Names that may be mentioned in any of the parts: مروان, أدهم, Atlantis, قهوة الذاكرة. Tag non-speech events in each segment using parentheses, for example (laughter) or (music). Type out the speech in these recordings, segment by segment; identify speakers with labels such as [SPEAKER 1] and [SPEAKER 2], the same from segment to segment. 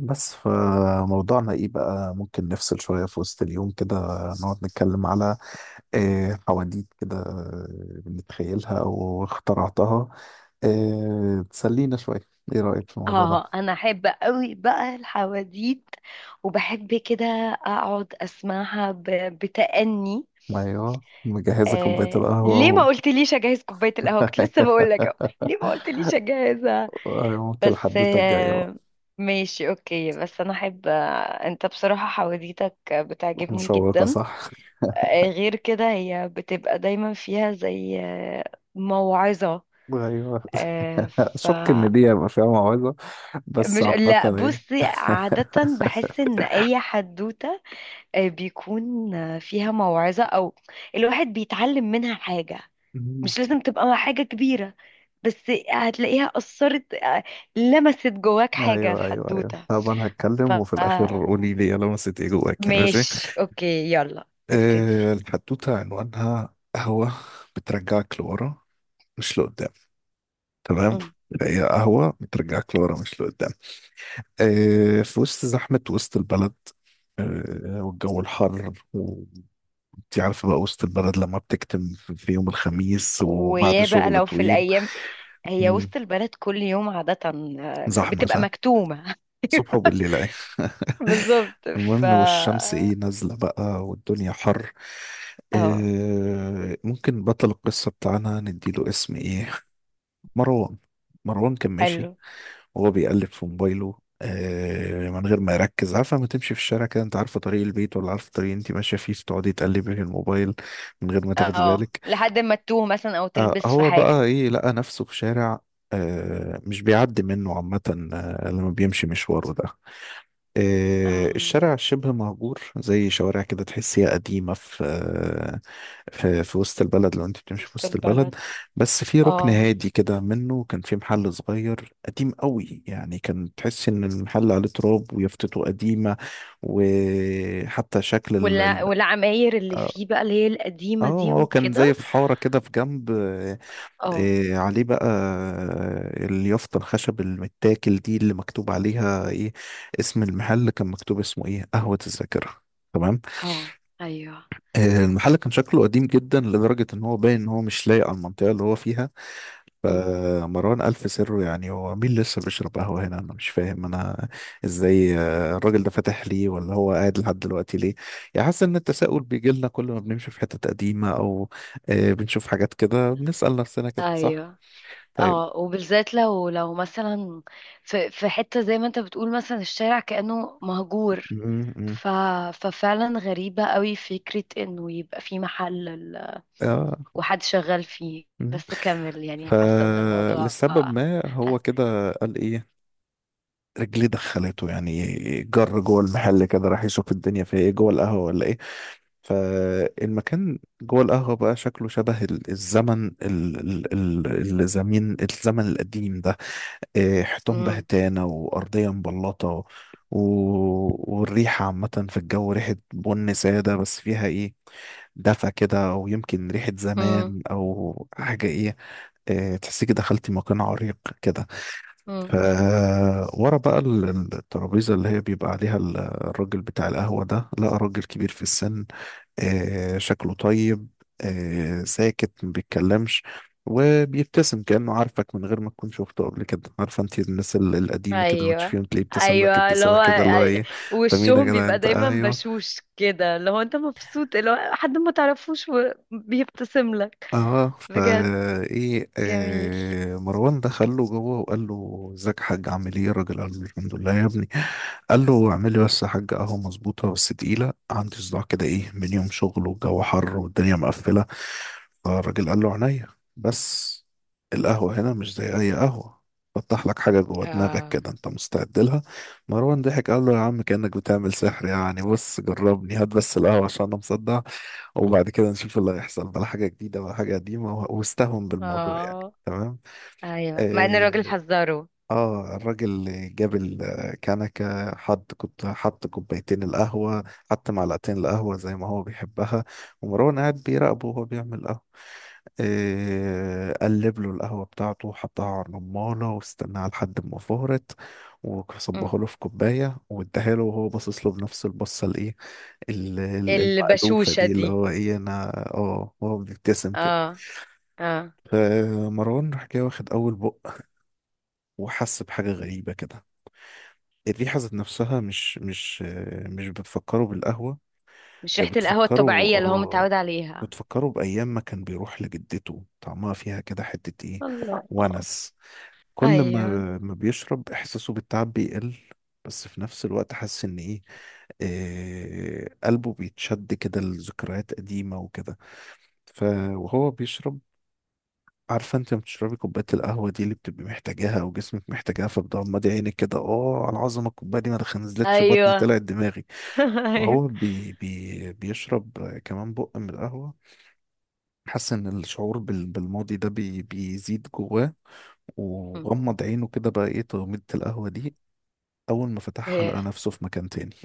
[SPEAKER 1] بس فموضوعنا ايه بقى ممكن نفصل شوية في وسط اليوم كده، نقعد نتكلم على حواديت كده، بنتخيلها او اخترعتها. تسلينا شوية. ايه رأيك في الموضوع ده؟
[SPEAKER 2] اه، انا احب قوي بقى الحواديت، وبحب كده اقعد اسمعها بتأني.
[SPEAKER 1] ايوه، مجهزة كوباية القهوة
[SPEAKER 2] ليه
[SPEAKER 1] و...
[SPEAKER 2] ما قلتليش اجهز كوباية القهوة؟ كنت لسه بقول لك أهو. ليه ما
[SPEAKER 1] (laughs)
[SPEAKER 2] قلتليش اجهزها؟
[SPEAKER 1] أيوة، ممكن
[SPEAKER 2] بس
[SPEAKER 1] حدوتة الجاية
[SPEAKER 2] آه...
[SPEAKER 1] بقى.
[SPEAKER 2] ماشي اوكي، بس انا احب، انت بصراحة حواديتك بتعجبني
[SPEAKER 1] مشوقة
[SPEAKER 2] جدا.
[SPEAKER 1] صح؟
[SPEAKER 2] غير كده هي بتبقى دايما فيها زي موعظة.
[SPEAKER 1] ايوه.
[SPEAKER 2] آه...
[SPEAKER 1] (laughs) اشك ان دي هيبقى فيها موعظة. بس
[SPEAKER 2] مش،
[SPEAKER 1] عامة
[SPEAKER 2] لا
[SPEAKER 1] ايه.
[SPEAKER 2] بصي عادة، بحس ان اي حدوتة بيكون فيها موعظة، او الواحد بيتعلم منها حاجة. مش
[SPEAKER 1] (laughs)
[SPEAKER 2] لازم تبقى حاجة كبيرة، بس هتلاقيها أثرت، لمست جواك حاجة
[SPEAKER 1] ايوه، ايوه، ايوه،
[SPEAKER 2] الحدوتة.
[SPEAKER 1] طب انا
[SPEAKER 2] ف
[SPEAKER 1] هتكلم وفي الاخر قولي لي يا لمست ايه جواك. ماشي.
[SPEAKER 2] ماشي اوكي، يلا ابتدي.
[SPEAKER 1] الحدوته عنوانها قهوه، بترجعك لورا مش لقدام. تمام.
[SPEAKER 2] مم.
[SPEAKER 1] هي قهوه بترجعك لورا مش لقدام. في وسط زحمه، وسط البلد. والجو الحر، وانت عارفه بقى وسط البلد لما بتكتم في يوم الخميس وبعد
[SPEAKER 2] ويا بقى
[SPEAKER 1] شغل
[SPEAKER 2] لو في
[SPEAKER 1] طويل.
[SPEAKER 2] الأيام، هي
[SPEAKER 1] مم،
[SPEAKER 2] وسط البلد كل يوم عادة
[SPEAKER 1] زحمه
[SPEAKER 2] بتبقى
[SPEAKER 1] صح،
[SPEAKER 2] مكتومة.
[SPEAKER 1] صبح
[SPEAKER 2] (laughs)
[SPEAKER 1] وبالليل ايه. (laughs)
[SPEAKER 2] بالظبط.
[SPEAKER 1] المهم، والشمس ايه نازلة بقى والدنيا حر.
[SPEAKER 2] اه،
[SPEAKER 1] ممكن بطل القصة بتاعنا نديله اسم ايه؟ مروان. مروان كان ماشي
[SPEAKER 2] حلو.
[SPEAKER 1] وهو بيقلب في موبايله من غير ما يركز. عارفة لما تمشي في الشارع كده، انت عارفة طريق البيت ولا عارفة الطريق اللي انت ماشية فيه، فتقعدي تقلبي في الموبايل من غير ما تاخدي
[SPEAKER 2] اه،
[SPEAKER 1] بالك.
[SPEAKER 2] لحد ما تتوه مثلا او تلبس في
[SPEAKER 1] هو
[SPEAKER 2] حاجة.
[SPEAKER 1] بقى لقى نفسه في شارع مش بيعدي منه عامة، لما بيمشي مشواره ده.
[SPEAKER 2] اه،
[SPEAKER 1] الشارع شبه مهجور، زي شوارع كده تحسيها قديمة، في آه، في في وسط البلد، لو انت بتمشي في
[SPEAKER 2] وسط
[SPEAKER 1] وسط البلد.
[SPEAKER 2] البلد.
[SPEAKER 1] بس في ركن
[SPEAKER 2] اه،
[SPEAKER 1] هادي كده منه، كان في محل صغير قديم قوي، يعني كان تحس ان المحل عليه تراب ويافطته قديمة. وحتى شكل
[SPEAKER 2] ولا والعماير اللي
[SPEAKER 1] اه
[SPEAKER 2] فيه بقى اللي هي القديمة دي
[SPEAKER 1] هو كان زي
[SPEAKER 2] وكده.
[SPEAKER 1] في حارة كده في جنب.
[SPEAKER 2] اه،
[SPEAKER 1] عليه بقى اليافطة، الخشب المتاكل دي اللي مكتوب عليها ايه؟ اسم المحل كان مكتوب اسمه ايه، قهوة الذاكرة. تمام.
[SPEAKER 2] اه، ايوه.
[SPEAKER 1] المحل كان شكله قديم جدا، لدرجة ان هو باين ان هو مش لايق على المنطقة اللي هو فيها.
[SPEAKER 2] مم.
[SPEAKER 1] فمروان ألف سره، يعني هو مين لسه بيشرب قهوة هنا؟ انا مش فاهم انا ازاي الراجل ده فاتح ليه، ولا هو قاعد لحد دلوقتي ليه. يعني حاسس ان التساؤل بيجي لنا كل ما بنمشي في حتة قديمة، او بنشوف حاجات كده بنسأل نفسنا كده، صح؟
[SPEAKER 2] ايوه. اه، وبالذات لو مثلا في حته زي ما انت بتقول، مثلا الشارع كأنه مهجور.
[SPEAKER 1] طيب.
[SPEAKER 2] ف ففعلا غريبه قوي فكره انه يبقى في محل
[SPEAKER 1] اه.
[SPEAKER 2] وحد شغال فيه،
[SPEAKER 1] مم.
[SPEAKER 2] بس كمل، يعني حاسه ان الموضوع.
[SPEAKER 1] فلسبب ما هو
[SPEAKER 2] ح-
[SPEAKER 1] كده قال ايه، رجليه دخلته يعني. جر جوه المحل كده، راح يشوف الدنيا فيها ايه جوه القهوه، ولا ايه. فالمكان جوه القهوه بقى شكله شبه الزمن ال- ال- ال- الزمين الزمن القديم ده. حيطان
[SPEAKER 2] مم.
[SPEAKER 1] بهتانه وارضيه مبلطه والريحه عامه في الجو، ريحه بن ساده، بس فيها دفى كده، او يمكن ريحه
[SPEAKER 2] امم.
[SPEAKER 1] زمان او حاجه ايه. تحسيكي دخلتي مكان عريق كده. ف
[SPEAKER 2] امم.
[SPEAKER 1] ورا بقى الترابيزة اللي هي بيبقى عليها الراجل بتاع القهوة ده، لقى راجل كبير في السن. شكله طيب، ساكت ما بيتكلمش، وبيبتسم كأنه عارفك من غير ما تكون شفته قبل كده. عارفه انت الناس القديمة كده
[SPEAKER 2] ايوه،
[SPEAKER 1] بتشوفيهم، تلاقيه ابتسم لك
[SPEAKER 2] ايوه اللي
[SPEAKER 1] ابتسامة
[SPEAKER 2] هو،
[SPEAKER 1] كده اللي هو
[SPEAKER 2] أي-
[SPEAKER 1] ايه. انت مين يا
[SPEAKER 2] وشهم
[SPEAKER 1] جدع
[SPEAKER 2] بيبقى
[SPEAKER 1] انت؟
[SPEAKER 2] دايما
[SPEAKER 1] ايوه.
[SPEAKER 2] بشوش كده، اللي هو انت مبسوط، اللي هو حد ما تعرفوش وبيبتسم لك.
[SPEAKER 1] اه
[SPEAKER 2] بجد
[SPEAKER 1] فا ايه
[SPEAKER 2] جميل.
[SPEAKER 1] آه مروان دخل له جوه وقال له: ازيك يا حاج، عامل ايه؟ الراجل قال له: الحمد لله يا ابني. قال له: اعمل لي بس يا حاج قهوه مظبوطه، بس تقيله، عندي صداع كده من يوم شغل والجو حر والدنيا مقفله. فالراجل قال له: عينيا. بس القهوه هنا مش زي اي قهوه، فتح لك حاجه جوه دماغك
[SPEAKER 2] اه.
[SPEAKER 1] كده، انت مستعد لها؟ مروان ضحك، قال له: يا عم كانك بتعمل سحر يعني، بص جربني، هات بس القهوه عشان انا مصدع، وبعد كده نشوف اللي هيحصل، ولا حاجة جديدة ولا حاجة قديمة، واستهون بالموضوع يعني.
[SPEAKER 2] اه،
[SPEAKER 1] تمام.
[SPEAKER 2] ايوه مع ان
[SPEAKER 1] اه.
[SPEAKER 2] الراجل حذره.
[SPEAKER 1] الراجل اللي جاب الكنكة حط حط كوبايتين القهوة، حط معلقتين القهوة زي ما هو بيحبها، ومروان قاعد بيراقبه وهو بيعمل قهوة. قلب له القهوة بتاعته وحطها على الرمانة، واستناها لحد ما فهرت،
[SPEAKER 2] مم.
[SPEAKER 1] وصبها له في كوباية، واداها له وهو باصص له بنفس البصة المألوفة
[SPEAKER 2] البشوشة
[SPEAKER 1] دي اللي
[SPEAKER 2] دي.
[SPEAKER 1] هو أنا. هو بيبتسم كده.
[SPEAKER 2] اه. اه،
[SPEAKER 1] فمروان راح جاي، واخد أول بق، وحس بحاجة غريبة كده. الريحة ذات نفسها مش بتفكره بالقهوة.
[SPEAKER 2] مش
[SPEAKER 1] هي
[SPEAKER 2] ريحة القهوة الطبيعية اللي هو متعود عليها.
[SPEAKER 1] بتفكره بأيام ما كان بيروح لجدته، طعمها فيها كده حتة
[SPEAKER 2] الله.
[SPEAKER 1] ونس. كل ما
[SPEAKER 2] ايوه.
[SPEAKER 1] ما بيشرب، احساسه بالتعب بيقل، بس في نفس الوقت حاسس ان ايه آه، قلبه بيتشد كده لذكريات قديمة وكده. ف وهو بيشرب، عارفة انت لما بتشربي كوباية القهوة دي اللي بتبقي محتاجاها او جسمك محتاجاها، فبتغمضي عينك كده، اه على العظمة الكوباية دي، ما نزلتش بطني
[SPEAKER 2] ايوه.
[SPEAKER 1] طلعت دماغي.
[SPEAKER 2] (laughs) ايوه.
[SPEAKER 1] فهو بي بي بيشرب كمان بق من القهوة، حاسس ان الشعور بالماضي ده بيزيد جواه،
[SPEAKER 2] مم.
[SPEAKER 1] وغمض عينه كده بقى، ايه تغميضة القهوة دي. أول ما فتحها، لقى
[SPEAKER 2] إيه.
[SPEAKER 1] نفسه في مكان تاني،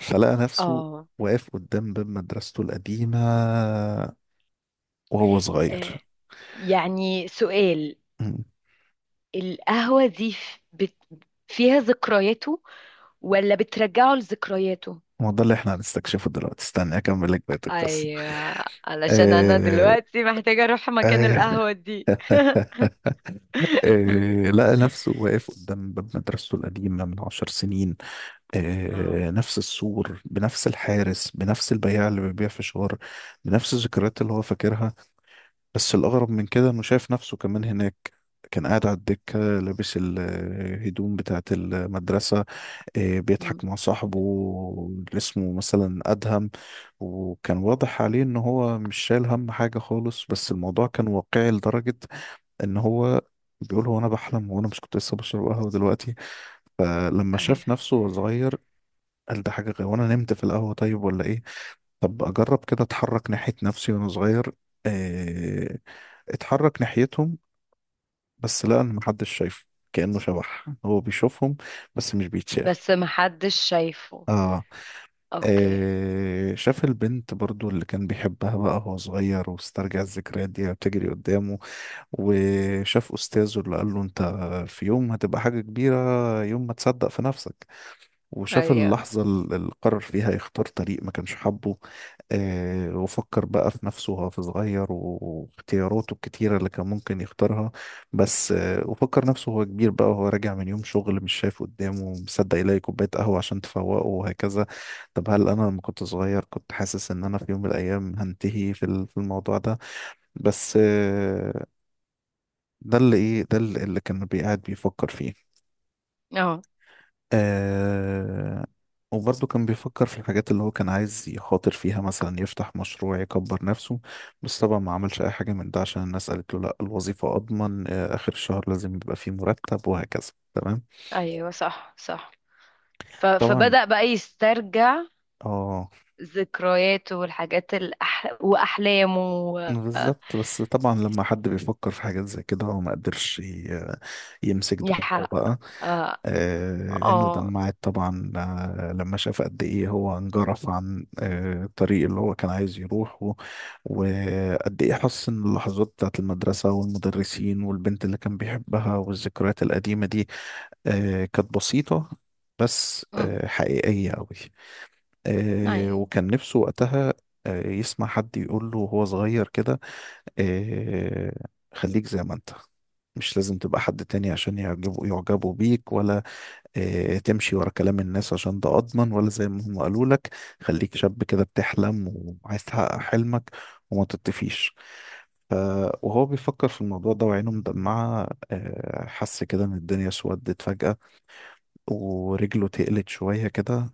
[SPEAKER 1] فلقى نفسه
[SPEAKER 2] اه.
[SPEAKER 1] واقف قدام باب مدرسته القديمة وهو صغير.
[SPEAKER 2] إيه. يعني سؤال،
[SPEAKER 1] مم.
[SPEAKER 2] القهوة دي فيها ذكرياته، ولا بترجعه لذكرياته؟
[SPEAKER 1] ما ده اللي احنا هنستكشفه دلوقتي، استنى أكمل لك بقية القصة.
[SPEAKER 2] ايوه، علشان انا
[SPEAKER 1] آه...
[SPEAKER 2] دلوقتي محتاجة اروح مكان
[SPEAKER 1] آه... (laughs)
[SPEAKER 2] القهوة دي. (laughs)
[SPEAKER 1] لقى نفسه واقف قدام باب مدرسته القديمة من 10 سنين.
[SPEAKER 2] اه.
[SPEAKER 1] نفس السور، بنفس الحارس، بنفس البياع اللي بيبيع فشار، بنفس الذكريات اللي هو فاكرها. بس الأغرب من كده، إنه شايف نفسه كمان هناك. كان قاعد على الدكة، لابس الهدوم بتاعة المدرسة، بيضحك
[SPEAKER 2] مم.
[SPEAKER 1] مع صاحبه اللي اسمه مثلا أدهم، وكان واضح عليه إن هو مش شايل هم حاجة خالص. بس الموضوع كان واقعي لدرجة إن هو بيقول: هو أنا بحلم؟ وأنا مش كنت لسه بشرب قهوة دلوقتي؟ فلما
[SPEAKER 2] ايوه،
[SPEAKER 1] شاف نفسه وهو صغير، قال: ده حاجة غير، وأنا نمت في القهوة طيب ولا إيه؟ طب أجرب كده، أتحرك ناحية نفسي وأنا صغير. إيه، اتحرك ناحيتهم، بس لا، أنا محدش شايفه، كأنه شبح، هو بيشوفهم بس مش بيتشاف.
[SPEAKER 2] بس محدش شايفه.
[SPEAKER 1] آه.
[SPEAKER 2] اوكي.
[SPEAKER 1] شاف البنت برضو اللي كان بيحبها بقى وهو صغير، واسترجع الذكريات دي بتجري قدامه. وشاف أستاذه اللي قال له: أنت في يوم هتبقى حاجة كبيرة، يوم ما تصدق في نفسك. وشاف
[SPEAKER 2] ايوه.
[SPEAKER 1] اللحظة اللي قرر فيها يختار طريق ما كانش حابه. وفكر بقى في نفسه وهو في صغير، واختياراته الكتيرة اللي كان ممكن يختارها. بس وفكر نفسه وهو كبير بقى، وهو راجع من يوم شغل، مش شايف قدامه مصدق يلاقي كوباية قهوة عشان تفوقه، وهكذا. طب هل أنا لما كنت صغير كنت حاسس إن أنا في يوم من الأيام هنتهي في الموضوع ده؟ بس ده اللي كان بيقعد بيفكر فيه.
[SPEAKER 2] اه.
[SPEAKER 1] آه وبرضه كان بيفكر في الحاجات اللي هو كان عايز يخاطر فيها، مثلا يفتح مشروع، يكبر نفسه. بس طبعا ما عملش أي حاجة من ده، عشان الناس قالت له لا، الوظيفة أضمن، آخر الشهر لازم يبقى فيه مرتب وهكذا. تمام.
[SPEAKER 2] ايوه، صح صح.
[SPEAKER 1] طبعا.
[SPEAKER 2] فبدأ بقى يسترجع
[SPEAKER 1] اه.
[SPEAKER 2] ذكرياته والحاجات واحلامه.
[SPEAKER 1] بالظبط. بس طبعا لما حد بيفكر في حاجات زي كده، هو ما قدرش يمسك دموعه
[SPEAKER 2] يحقق.
[SPEAKER 1] بقى.
[SPEAKER 2] اه.
[SPEAKER 1] عينه
[SPEAKER 2] آه.
[SPEAKER 1] دمعت طبعا، لما شاف قد ايه هو انجرف عن الطريق اللي هو كان عايز يروحه، وقد ايه حس ان اللحظات بتاعت المدرسة والمدرسين والبنت اللي كان بيحبها والذكريات القديمة دي كانت بسيطة، بس
[SPEAKER 2] مم.
[SPEAKER 1] حقيقية أوي.
[SPEAKER 2] ايوه،
[SPEAKER 1] وكان نفسه وقتها يسمع حد يقول له وهو صغير كده إيه خليك زي ما انت، مش لازم تبقى حد تاني عشان يعجبوا بيك، ولا تمشي ورا كلام الناس عشان ده أضمن، ولا زي ما هم قالوا لك. خليك شاب كده بتحلم، وعايز تحقق حلمك، وما تطفيش. ف- وهو بيفكر في الموضوع ده وعينه مدمعة، حس كده إن الدنيا سودت فجأة، ورجله تقلت شوية كده،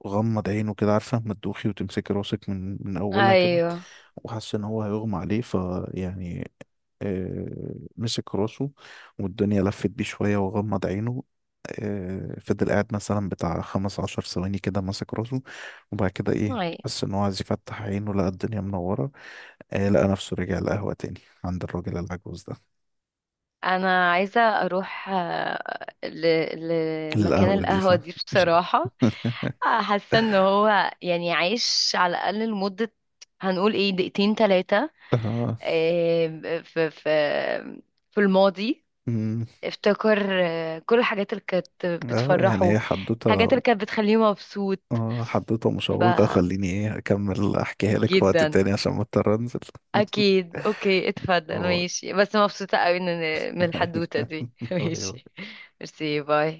[SPEAKER 1] وغمض عينه كده، عارفة ما تدوخي وتمسكي راسك من أولها كده،
[SPEAKER 2] ايوه،
[SPEAKER 1] وحس إن هو هيغمى عليه فيعني. آه، مسك راسه والدنيا لفت بيه شوية، وغمض عينه. فضل قاعد مثلا بتاع 15 ثواني كده ماسك راسه، وبعد كده
[SPEAKER 2] ايوه.
[SPEAKER 1] حس ان هو عايز يفتح عينه، لقى الدنيا منورة. لقى نفسه رجع القهوة تاني عند الراجل العجوز ده.
[SPEAKER 2] انا عايزه اروح،
[SPEAKER 1] القهوة،
[SPEAKER 2] لمكان
[SPEAKER 1] أوه. دي
[SPEAKER 2] القهوه دي
[SPEAKER 1] صح.
[SPEAKER 2] بصراحه.
[SPEAKER 1] (laughs)
[SPEAKER 2] حاسه ان هو يعني عايش على الاقل لمده، هنقول ايه، دقيقتين ثلاثه،
[SPEAKER 1] اه.
[SPEAKER 2] في في الماضي.
[SPEAKER 1] أمم،
[SPEAKER 2] افتكر كل الحاجات اللي كانت
[SPEAKER 1] اه، يعني
[SPEAKER 2] بتفرحه،
[SPEAKER 1] هي حدوتة.
[SPEAKER 2] الحاجات اللي كانت بتخليه مبسوط.
[SPEAKER 1] اه، حدوتة
[SPEAKER 2] ف
[SPEAKER 1] مشوقة، خليني اكمل احكيها لك في وقت
[SPEAKER 2] جدا.
[SPEAKER 1] تاني عشان ما اضطر انزل. (laughs)
[SPEAKER 2] اكيد، اوكي، اتفضل،
[SPEAKER 1] اه.
[SPEAKER 2] ماشي، بس مبسوطه قوي من الحدوته دي. (laughs)
[SPEAKER 1] أيوه.
[SPEAKER 2] ماشي.
[SPEAKER 1] (laughs)
[SPEAKER 2] ميرسي، باي.